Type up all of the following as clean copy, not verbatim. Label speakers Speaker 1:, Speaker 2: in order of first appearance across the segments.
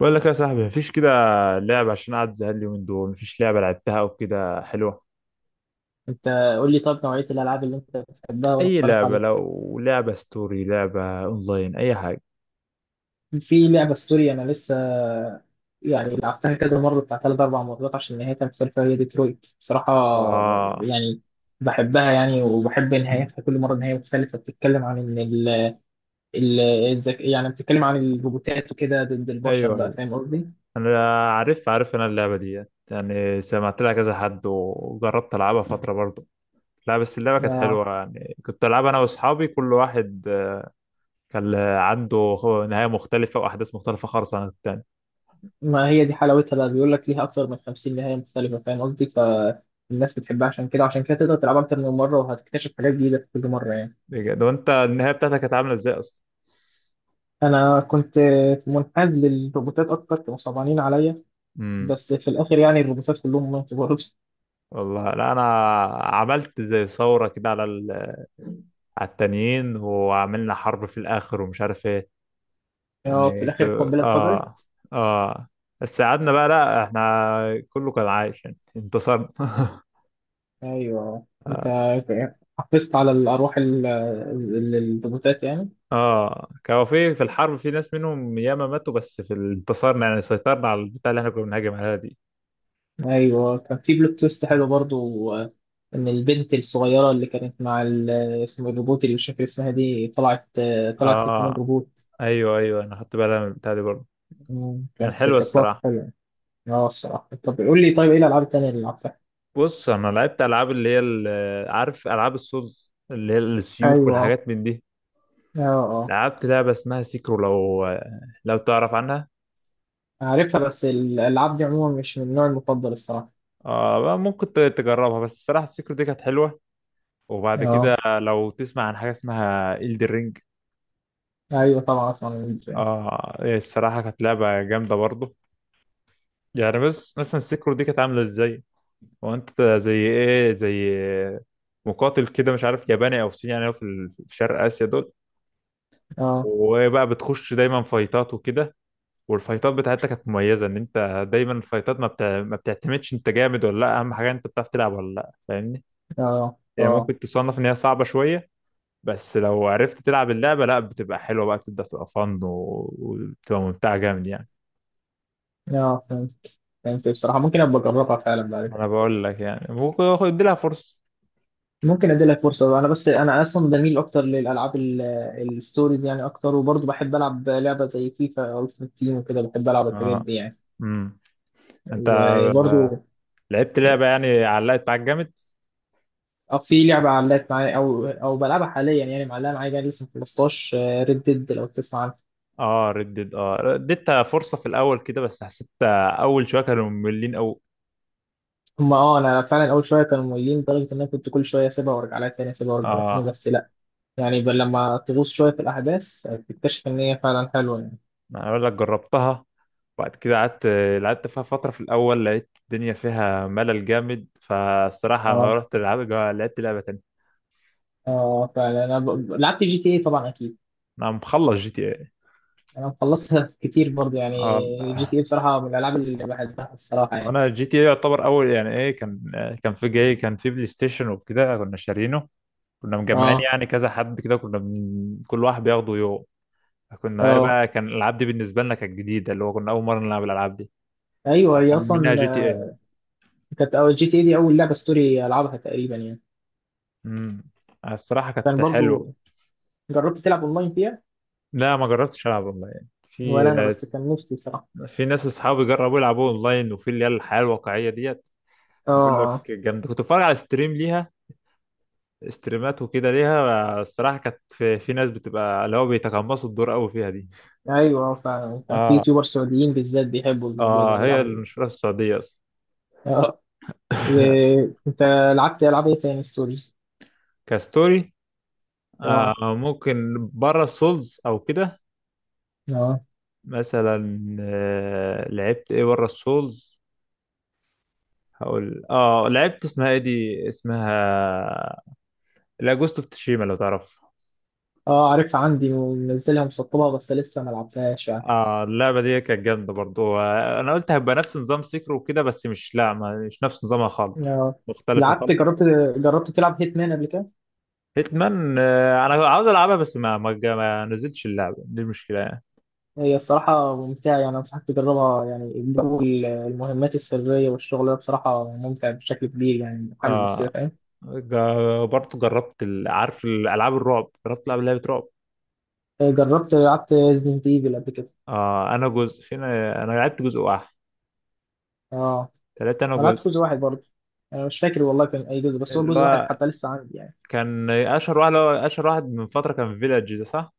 Speaker 1: بقول لك يا صاحبي، مفيش كده لعبة. عشان قاعد زهقان اليومين دول، مفيش لعبة لعبتها أو كده حلوة.
Speaker 2: انت، قول لي طب نوعية الالعاب اللي انت بتحبها، وانا
Speaker 1: أي
Speaker 2: اقترح
Speaker 1: لعبة،
Speaker 2: عليك.
Speaker 1: لو لعبة ستوري، لعبة أونلاين، أي حاجة.
Speaker 2: في لعبة سوري انا لسه يعني لعبتها كذا مرة، بتاع ثلاث اربع مرات، عشان نهايتها مختلفة، هي ديترويت بصراحة
Speaker 1: آه،
Speaker 2: يعني. بحبها يعني، وبحب نهايتها كل مرة نهاية مختلفة. بتتكلم عن ان يعني بتتكلم عن الروبوتات وكده ضد البشر
Speaker 1: أيوه،
Speaker 2: بقى.
Speaker 1: أيوه،
Speaker 2: فاهم قصدي؟
Speaker 1: أنا عارف، عارف أنا اللعبة دي، يعني سمعت لها كذا حد وجربت ألعبها فترة برضه. لا، بس اللعبة كانت
Speaker 2: آه.
Speaker 1: حلوة، يعني كنت ألعبها أنا وأصحابي. كل واحد كان عنده نهاية مختلفة وأحداث مختلفة خالص عن التاني.
Speaker 2: ما هي دي حلاوتها بقى، بيقول لك ليها اكتر من 50 نهاية مختلفة. فاهم قصدي؟ فالناس بتحبها عشان كده، عشان كده تقدر تلعبها اكتر من مرة، وهتكتشف حاجات جديدة في كل مرة يعني.
Speaker 1: بجد؟ وأنت النهاية بتاعتك كانت عاملة إزاي؟
Speaker 2: انا كنت منحاز للروبوتات اكتر، كانوا صعبانين عليا.
Speaker 1: أصلا؟
Speaker 2: بس في الاخر يعني الروبوتات كلهم ماتوا برضه.
Speaker 1: والله، لا انا عملت زي ثوره كده على على التانيين، وعملنا حرب في الاخر ومش عارف ايه،
Speaker 2: اه، في
Speaker 1: يعني ك...
Speaker 2: الاخر القنبله
Speaker 1: اه
Speaker 2: اتفجرت.
Speaker 1: اه. بس قعدنا بقى، لا احنا كله كان عايش، يعني انتصرنا
Speaker 2: ايوه، انت حفظت على الارواح الروبوتات يعني.
Speaker 1: اه، كانوا في الحرب، في ناس منهم ياما ماتوا، بس انتصرنا، يعني سيطرنا على البتاع اللي احنا كنا بنهاجم عليها دي.
Speaker 2: ايوه، كان في بلوت تويست حلو برضو، ان البنت الصغيره اللي كانت مع اسم الروبوت اللي مش فاكر اسمها دي طلعت، طلعت هي كمان
Speaker 1: اه،
Speaker 2: روبوت.
Speaker 1: ايوه، ايوه، انا خدت بالي من البتاع دي برضه،
Speaker 2: مم،
Speaker 1: يعني
Speaker 2: كانت
Speaker 1: حلوه
Speaker 2: كانت لقطه
Speaker 1: الصراحه.
Speaker 2: حلوه. اه، الصراحه. طب قول لي طيب، ايه الالعاب التانيه اللي لعبتها؟
Speaker 1: بص، انا لعبت العاب اللي هي عارف العاب السولز اللي هي السيوف
Speaker 2: ايوه، اه،
Speaker 1: والحاجات من دي.
Speaker 2: اه،
Speaker 1: لعبت لعبة اسمها سيكرو، لو تعرف عنها.
Speaker 2: عارفها بس الألعاب دي عموما مش من النوع المفضل الصراحة.
Speaker 1: آه، بقى ممكن تجربها، بس الصراحة سيكرو دي كانت حلوة. وبعد
Speaker 2: اه،
Speaker 1: كده، لو تسمع عن حاجة اسمها إلدر رينج.
Speaker 2: أيوه طبعا أسمع من الدرين.
Speaker 1: آه، الصراحة كانت لعبة جامدة برضو يعني. بس مثلا سيكرو دي كانت عاملة ازاي؟ هو انت زي ايه، زي مقاتل كده، مش عارف ياباني او صيني، يعني هو في شرق اسيا دول.
Speaker 2: اه،
Speaker 1: وبقى بتخش دايما فايتات وكده. والفايتات بتاعتها كانت مميزه، ان انت دايما الفايتات ما بتعتمدش انت جامد ولا لا، اهم حاجه انت بتعرف تلعب ولا لا، فاهمني؟
Speaker 2: اه،
Speaker 1: هي يعني
Speaker 2: اه،
Speaker 1: ممكن تصنف ان هي صعبه شويه، بس لو عرفت تلعب اللعبه، لا بتبقى حلوه بقى، بتبدا تبقى فن وبتبقى ممتعه جامد يعني.
Speaker 2: اه، فهمت فهمت بصراحة ممكن أبقى أجربها فعلا بعد
Speaker 1: انا
Speaker 2: كده.
Speaker 1: بقول لك يعني ممكن ادي لها فرصه.
Speaker 2: ممكن أدي لك فرصة بقى. أنا بس أنا أصلا بميل أكتر للألعاب الستوريز يعني أكتر، وبرضه بحب ألعب لعبة زي فيفا ألتيمت تيم وكده. بحب ألعب الحاجات
Speaker 1: اه،
Speaker 2: دي يعني.
Speaker 1: امم انت
Speaker 2: وبرضه،
Speaker 1: لعبت لعبه يعني علقت معاك جامد؟
Speaker 2: في لعبة علقت معايا، أو بلعبها حاليا يعني معلقة معايا بقى لسه. 15 ريد ديد لو تسمع عنها.
Speaker 1: اه ردت، اديتها فرصه في الاول كده، بس حسيت اول شويه كانوا مملين قوي.
Speaker 2: هما اه انا فعلا اول شويه كانوا مميزين لدرجه ان انا كنت كل شويه اسيبها وارجع لها تاني، اسيبها وارجع لها تاني.
Speaker 1: اه،
Speaker 2: بس لا يعني لما تغوص شويه في الاحداث تكتشف ان هي فعلا حلوه يعني.
Speaker 1: انا اقول لك جربتها، وبعد كده قعدت لعبت فيها فتره، في الاول لقيت الدنيا فيها ملل جامد، فالصراحه
Speaker 2: اه،
Speaker 1: رحت لعبت، لعبه تانية.
Speaker 2: اه، فعلا انا لعبت جي تي اي طبعا اكيد.
Speaker 1: انا مخلص جي تي اي.
Speaker 2: انا مخلصها كتير برضه
Speaker 1: اه،
Speaker 2: يعني. جي تي اي بصراحه من الالعاب اللي بحبها الصراحه يعني.
Speaker 1: انا جي تي اي يعتبر اول، يعني ايه، كان في جاي، كان في بلاي ستيشن وكده، كنا شارينه. كنا مجمعين،
Speaker 2: اه،
Speaker 1: يعني كذا حد كده، كنا من كل واحد بياخده يوم. كنا ايه
Speaker 2: اه،
Speaker 1: بقى، كان الالعاب دي بالنسبه لنا كانت جديده، اللي هو كنا اول مره نلعب الالعاب دي.
Speaker 2: ايوه، هي
Speaker 1: كان
Speaker 2: اصلا
Speaker 1: منها جي تي اي.
Speaker 2: كانت اول جي تي اي. دي اول لعبه ستوري العبها تقريبا يعني.
Speaker 1: امم الصراحه كانت
Speaker 2: كان
Speaker 1: حلوه.
Speaker 2: برضه، جربت تلعب اونلاين فيها؟
Speaker 1: لا، ما جربتش العب اونلاين.
Speaker 2: ولا انا، بس كان نفسي بصراحه.
Speaker 1: في ناس اصحابي جربوا يلعبوا اونلاين، وفي اللي هي الحياه الواقعيه ديت. بقول لك
Speaker 2: اه،
Speaker 1: جامده. كنت بتفرج على ستريم ليها، ستريمات وكده ليها، الصراحه كانت في ناس بتبقى، اللي هو بيتقمصوا الدور قوي فيها دي.
Speaker 2: ايوه، فعلا كان في
Speaker 1: اه،
Speaker 2: يوتيوبر سعوديين بالذات بيحبوا الموضوع ده
Speaker 1: اه، هي
Speaker 2: بيلعبوا بيه.
Speaker 1: المشهوره في السعوديه اصلا
Speaker 2: اه، إيه، انت لعبت العاب ايه تاني ستوريز؟
Speaker 1: كستوري، آه،
Speaker 2: اه،
Speaker 1: ممكن بره السولز او كده.
Speaker 2: اه،
Speaker 1: مثلا لعبت ايه بره السولز؟ هقول لعبت اسمها ايه دي، اسمها، لا، جوست اوف تشيما، لو تعرف.
Speaker 2: اه، عارفها عندي ومنزلها مسطبها بس لسه ما لعبتهاش يعني.
Speaker 1: اه، اللعبه دي كانت جامده برضو. انا قلت هيبقى نفس نظام سيكرو وكده، بس مش، لا، ما مش نفس نظامها خالص.
Speaker 2: اه،
Speaker 1: مختلفه
Speaker 2: لعبت
Speaker 1: خالص.
Speaker 2: جربت جربت تلعب هيتمان قبل كده؟
Speaker 1: هيتمان، انا عاوز العبها، بس ما نزلتش اللعبه دي المشكله يعني.
Speaker 2: هي الصراحة ممتعة يعني، أنصحك تجربها. يعني جو المهمات السرية والشغل ده بصراحة ممتع بشكل كبير يعني، محمد
Speaker 1: اه،
Speaker 2: السيف. فاهم؟
Speaker 1: برضو جربت عارف الالعاب الرعب، جربت العب لعبه رعب.
Speaker 2: آه، جربت لعبت ريزدنت ايفل قبل كده.
Speaker 1: اه، انا جزء فينا، انا لعبت جزء واحد،
Speaker 2: اه،
Speaker 1: تلاتة. انا
Speaker 2: انا لعبت
Speaker 1: جزء
Speaker 2: جزء واحد برضه. انا مش فاكر والله كان اي جزء، بس هو
Speaker 1: اللي
Speaker 2: جزء واحد
Speaker 1: هو
Speaker 2: حتى لسه عندي يعني.
Speaker 1: كان اشهر واحد، اللي هو اشهر واحد من فتره، كان فيلاج ده، صح؟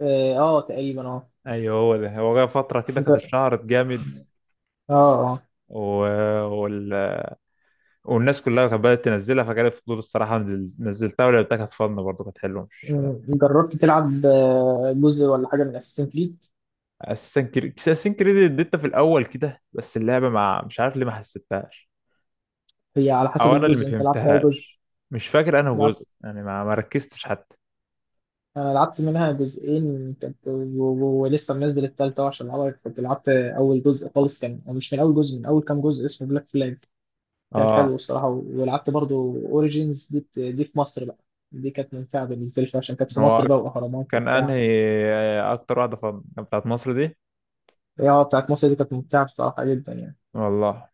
Speaker 2: اه، تقريبا. اه.
Speaker 1: ايوه، هو ده. هو جه فتره كده كانت
Speaker 2: جر-
Speaker 1: اشتهرت جامد.
Speaker 2: اه اه
Speaker 1: و... وال... والناس كلها كانت بدأت تنزلها، فجالي فضول الصراحة، نزلتها ولعبتها، كانت فن برضه، كانت حلوة مش.
Speaker 2: جربت تلعب جزء ولا حاجه من اساسن كريد؟
Speaker 1: أساسن كريد، أساسن كريد اديتها في الأول كده، بس اللعبة مع، مش عارف ليه ما حسيتهاش،
Speaker 2: هي على حسب
Speaker 1: أو أنا اللي ما
Speaker 2: الجزء، انت لعبت اي جزء؟
Speaker 1: فهمتهاش. مش فاكر أنا
Speaker 2: لعبت
Speaker 1: جزء يعني، ما ركزتش حتى.
Speaker 2: انا لعبت منها جزئين ولسه منزل التالتة أهو عشان العبها. كنت لعبت اول جزء خالص، كان أو مش من اول جزء، من اول كام جزء اسمه بلاك فلاج. كان
Speaker 1: اه،
Speaker 2: حلو الصراحه. ولعبت برضه اوريجينز دي في مصر بقى. دي كانت ممتعه بالنسبه لي شوية عشان كانت في
Speaker 1: هو
Speaker 2: مصر بقى، واهرامات
Speaker 1: كان
Speaker 2: وبتاع.
Speaker 1: أنهي أكتر واحدة فن، بتاعت مصر دي؟
Speaker 2: هي بتاعت مصر، دي كانت ممتعة بصراحة جدا يعني.
Speaker 1: والله،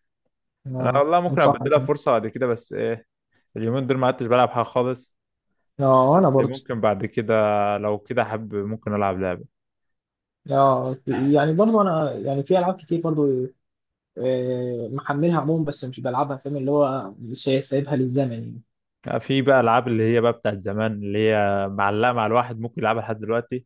Speaker 1: أنا
Speaker 2: اه،
Speaker 1: والله ممكن
Speaker 2: انصحك
Speaker 1: أبدلها
Speaker 2: يعني.
Speaker 1: فرصة بعد كده، بس إيه، اليومين دول ما عدتش بلعب حاجة خالص.
Speaker 2: اه، انا
Speaker 1: بس
Speaker 2: برضو.
Speaker 1: ممكن بعد كده، لو كده حب ممكن ألعب لعبة.
Speaker 2: اه، يعني برضو انا يعني في العاب كتير برضو، محملها عموما بس مش بلعبها. فاهم، اللي هو مش سايبها للزمن يعني.
Speaker 1: لا، في بقى العاب اللي هي بقى بتاعت زمان، اللي هي معلقه مع الواحد، ممكن يلعبها لحد دلوقتي.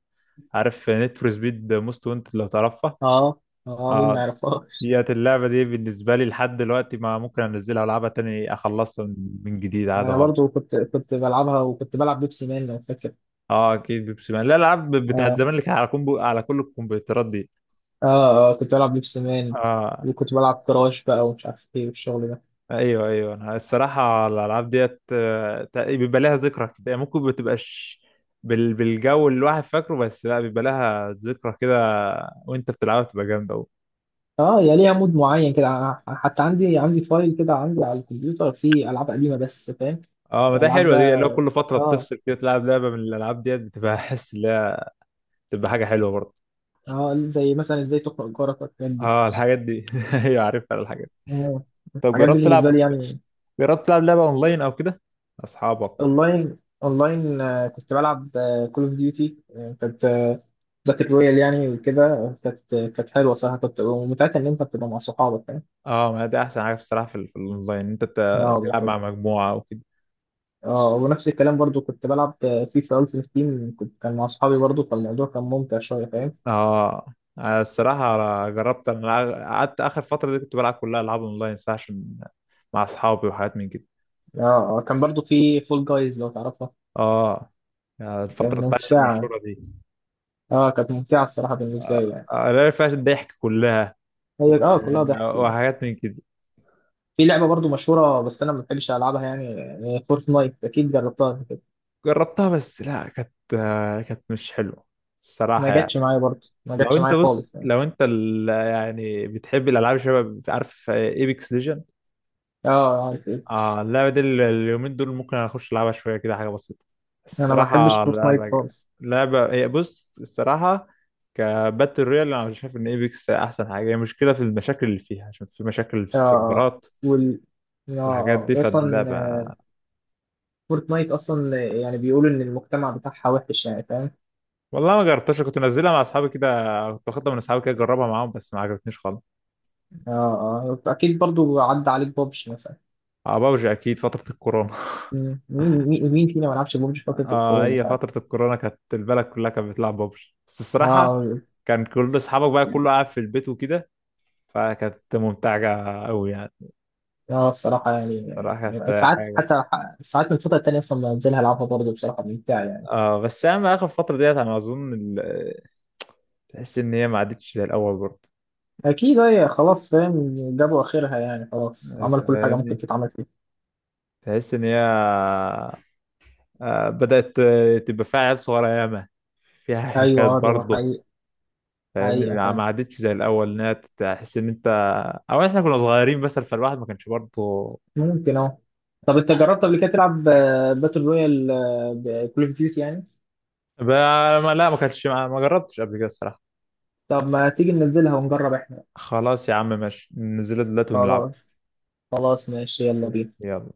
Speaker 1: عارف نيد فور سبيد موست وانتد، لو تعرفها؟
Speaker 2: اه، اه، مين ما
Speaker 1: اه،
Speaker 2: يعرفهاش.
Speaker 1: ديت اللعبه دي بالنسبه لي لحد دلوقتي ما ممكن انزلها والعبها تاني، اخلصها من جديد
Speaker 2: يعني
Speaker 1: عادي
Speaker 2: انا
Speaker 1: خالص.
Speaker 2: برضو كنت بلعبها، وكنت بلعب بيبسي مان لو فاكر.
Speaker 1: اه، اكيد بيبسي مان، لا، الالعاب بتاعت
Speaker 2: اه،
Speaker 1: زمان اللي كانت على كومبو، على كل الكمبيوترات دي.
Speaker 2: اه، كنت بلعب بيبسي مان.
Speaker 1: اه،
Speaker 2: وكنت بلعب كراش بقى ومش عارف ايه والشغل ده.
Speaker 1: ايوه، ايوه، انا الصراحه الالعاب ديت، بيبقى لها ذكرى كده يعني. ممكن ما تبقاش بالجو اللي الواحد فاكره، بس لا بيبقى لها ذكرى كده، وانت بتلعبها بتبقى جامده قوي.
Speaker 2: اه، يا ليها مود معين كده. أنا حتى عندي فايل كده، عندي على الكمبيوتر فيه العاب قديمه، بس فاهم.
Speaker 1: اه، ما ده
Speaker 2: العاب
Speaker 1: حلوه دي، اللي هو
Speaker 2: بقى.
Speaker 1: كل فتره
Speaker 2: اه،
Speaker 1: بتفصل كده تلعب لعبه من الالعاب ديت، بتبقى حس ان هي بتبقى حاجه حلوه برضه.
Speaker 2: اه، زي مثلا ازاي تقرا جارك والحاجات دي.
Speaker 1: اه، الحاجات دي ايوه عارفها الحاجات دي.
Speaker 2: آه،
Speaker 1: طب
Speaker 2: الحاجات دي
Speaker 1: جربت
Speaker 2: بالنسبه
Speaker 1: تلعب،
Speaker 2: لي يعني.
Speaker 1: لعبه اونلاين او كده اصحابك؟
Speaker 2: اونلاين اونلاين، كنت بلعب كول اوف ديوتي. كانت باتل رويال يعني وكده. كانت حلوه صراحه كنت، ومتعتها ان انت بتبقى مع صحابك. فاهم؟
Speaker 1: اه، ما ده احسن حاجه بصراحه، في الاونلاين انت
Speaker 2: اه،
Speaker 1: تلعب
Speaker 2: بالظبط.
Speaker 1: مع مجموعه وكده.
Speaker 2: اه، ونفس الكلام برضو كنت بلعب فيفا التيمت تيم، كان مع صحابي برضو، فالموضوع كان ممتع شويه. فاهم؟
Speaker 1: اه، أنا الصراحة جربت. انا قعدت اخر فترة دي كنت بلعب كلها العاب اونلاين صح، عشان مع اصحابي وحاجات من كده.
Speaker 2: اه، كان برضو في فول جايز لو تعرفها.
Speaker 1: اه، يعني
Speaker 2: كانت
Speaker 1: الفترة بتاعت
Speaker 2: ممتعة.
Speaker 1: المشهورة دي،
Speaker 2: اه، كانت ممتعة الصراحة
Speaker 1: آه،
Speaker 2: بالنسبة لي يعني.
Speaker 1: اللي فيها الضحك كلها، و-
Speaker 2: هي كلها ضحك يعني.
Speaker 1: وحاجات من كده.
Speaker 2: في لعبة برضو مشهورة بس أنا ما بحبش ألعبها يعني، فورتنايت. أكيد جربتها قبل كده.
Speaker 1: جربتها، بس لا كانت، كانت مش حلوة
Speaker 2: ما
Speaker 1: الصراحة يعني.
Speaker 2: جاتش معايا برضو، ما
Speaker 1: لو
Speaker 2: جاتش
Speaker 1: انت،
Speaker 2: معايا
Speaker 1: بص،
Speaker 2: خالص يعني.
Speaker 1: لو انت يعني بتحب الالعاب شباب، عارف ايبكس ليجن؟
Speaker 2: اه، اه،
Speaker 1: اه،
Speaker 2: إكس.
Speaker 1: اللعبة دي اليومين دول ممكن اخش العبها شوية كده، حاجة بسيطة.
Speaker 2: أنا ما بحبش
Speaker 1: الصراحة
Speaker 2: فورتنايت
Speaker 1: لعبة،
Speaker 2: خالص.
Speaker 1: هي، بص الصراحة، كباتل رويال انا مش شايف ان ايبكس احسن حاجة، هي مشكلة في المشاكل اللي فيها عشان في مشاكل في
Speaker 2: اه، آه.
Speaker 1: السيرفرات
Speaker 2: وال اه
Speaker 1: والحاجات دي
Speaker 2: آه. أصلا
Speaker 1: فاللعبة.
Speaker 2: فورتنايت أصلا يعني بيقولوا إن المجتمع بتاعها وحش يعني. فاهم؟
Speaker 1: والله ما جربتهاش، كنت منزلها مع اصحابي كده، كنت واخدها من اصحابي كده اجربها معاهم، بس ما عجبتنيش خالص.
Speaker 2: اه، اه، أكيد برضو عدى عليك بابجي مثلا.
Speaker 1: اه بابجي، اكيد فترة الكورونا
Speaker 2: مين فينا ما لعبش ببجي في فترة
Speaker 1: اه،
Speaker 2: الكورونا
Speaker 1: هي
Speaker 2: فعلا.
Speaker 1: فترة الكورونا كانت البلد كلها كانت بتلعب بابجي، بس الصراحة
Speaker 2: اه،
Speaker 1: كان كل اصحابك بقى كله قاعد في البيت وكده، فكانت ممتعة أوي يعني.
Speaker 2: اه، الصراحة يعني.
Speaker 1: الصراحة
Speaker 2: يعني
Speaker 1: كانت
Speaker 2: ساعات،
Speaker 1: حاجة.
Speaker 2: حتى ساعات من الفترة التانية أصلا بنزلها ألعبها برضه، بصراحة ممتعة يعني.
Speaker 1: اه، بس أهم آخر فترة ديت، أنا أظن تحس إن هي ما عادتش زي الأول برضه.
Speaker 2: أكيد، هي خلاص فاهم، جابوا آخرها يعني خلاص،
Speaker 1: أنت
Speaker 2: عملوا كل حاجة
Speaker 1: فاهمني،
Speaker 2: ممكن تتعمل فيها.
Speaker 1: تحس إن هي بدأت تبقى فيها عيال صغيرة ياما، فيها
Speaker 2: أيوه،
Speaker 1: حكايات
Speaker 2: دي
Speaker 1: برضه.
Speaker 2: حقيقة.
Speaker 1: فاهمني؟
Speaker 2: حقيقة فعلا.
Speaker 1: ما عادتش زي الأول، إنها تحس إن أنت أو إحنا كنا صغيرين، بس فالواحد ما كانش برضه.
Speaker 2: ممكن. طب أنت جربت قبل كده تلعب باتل رويال بكول أوف ديوتي يعني؟
Speaker 1: بقى- لا ما كانش، ما جربتش قبل كده الصراحة.
Speaker 2: طب ما تيجي ننزلها ونجرب إحنا؟
Speaker 1: خلاص يا عم، ماشي، ننزلها دلوقتي ونلعب.
Speaker 2: خلاص، خلاص ماشي يلا بينا.
Speaker 1: يلا.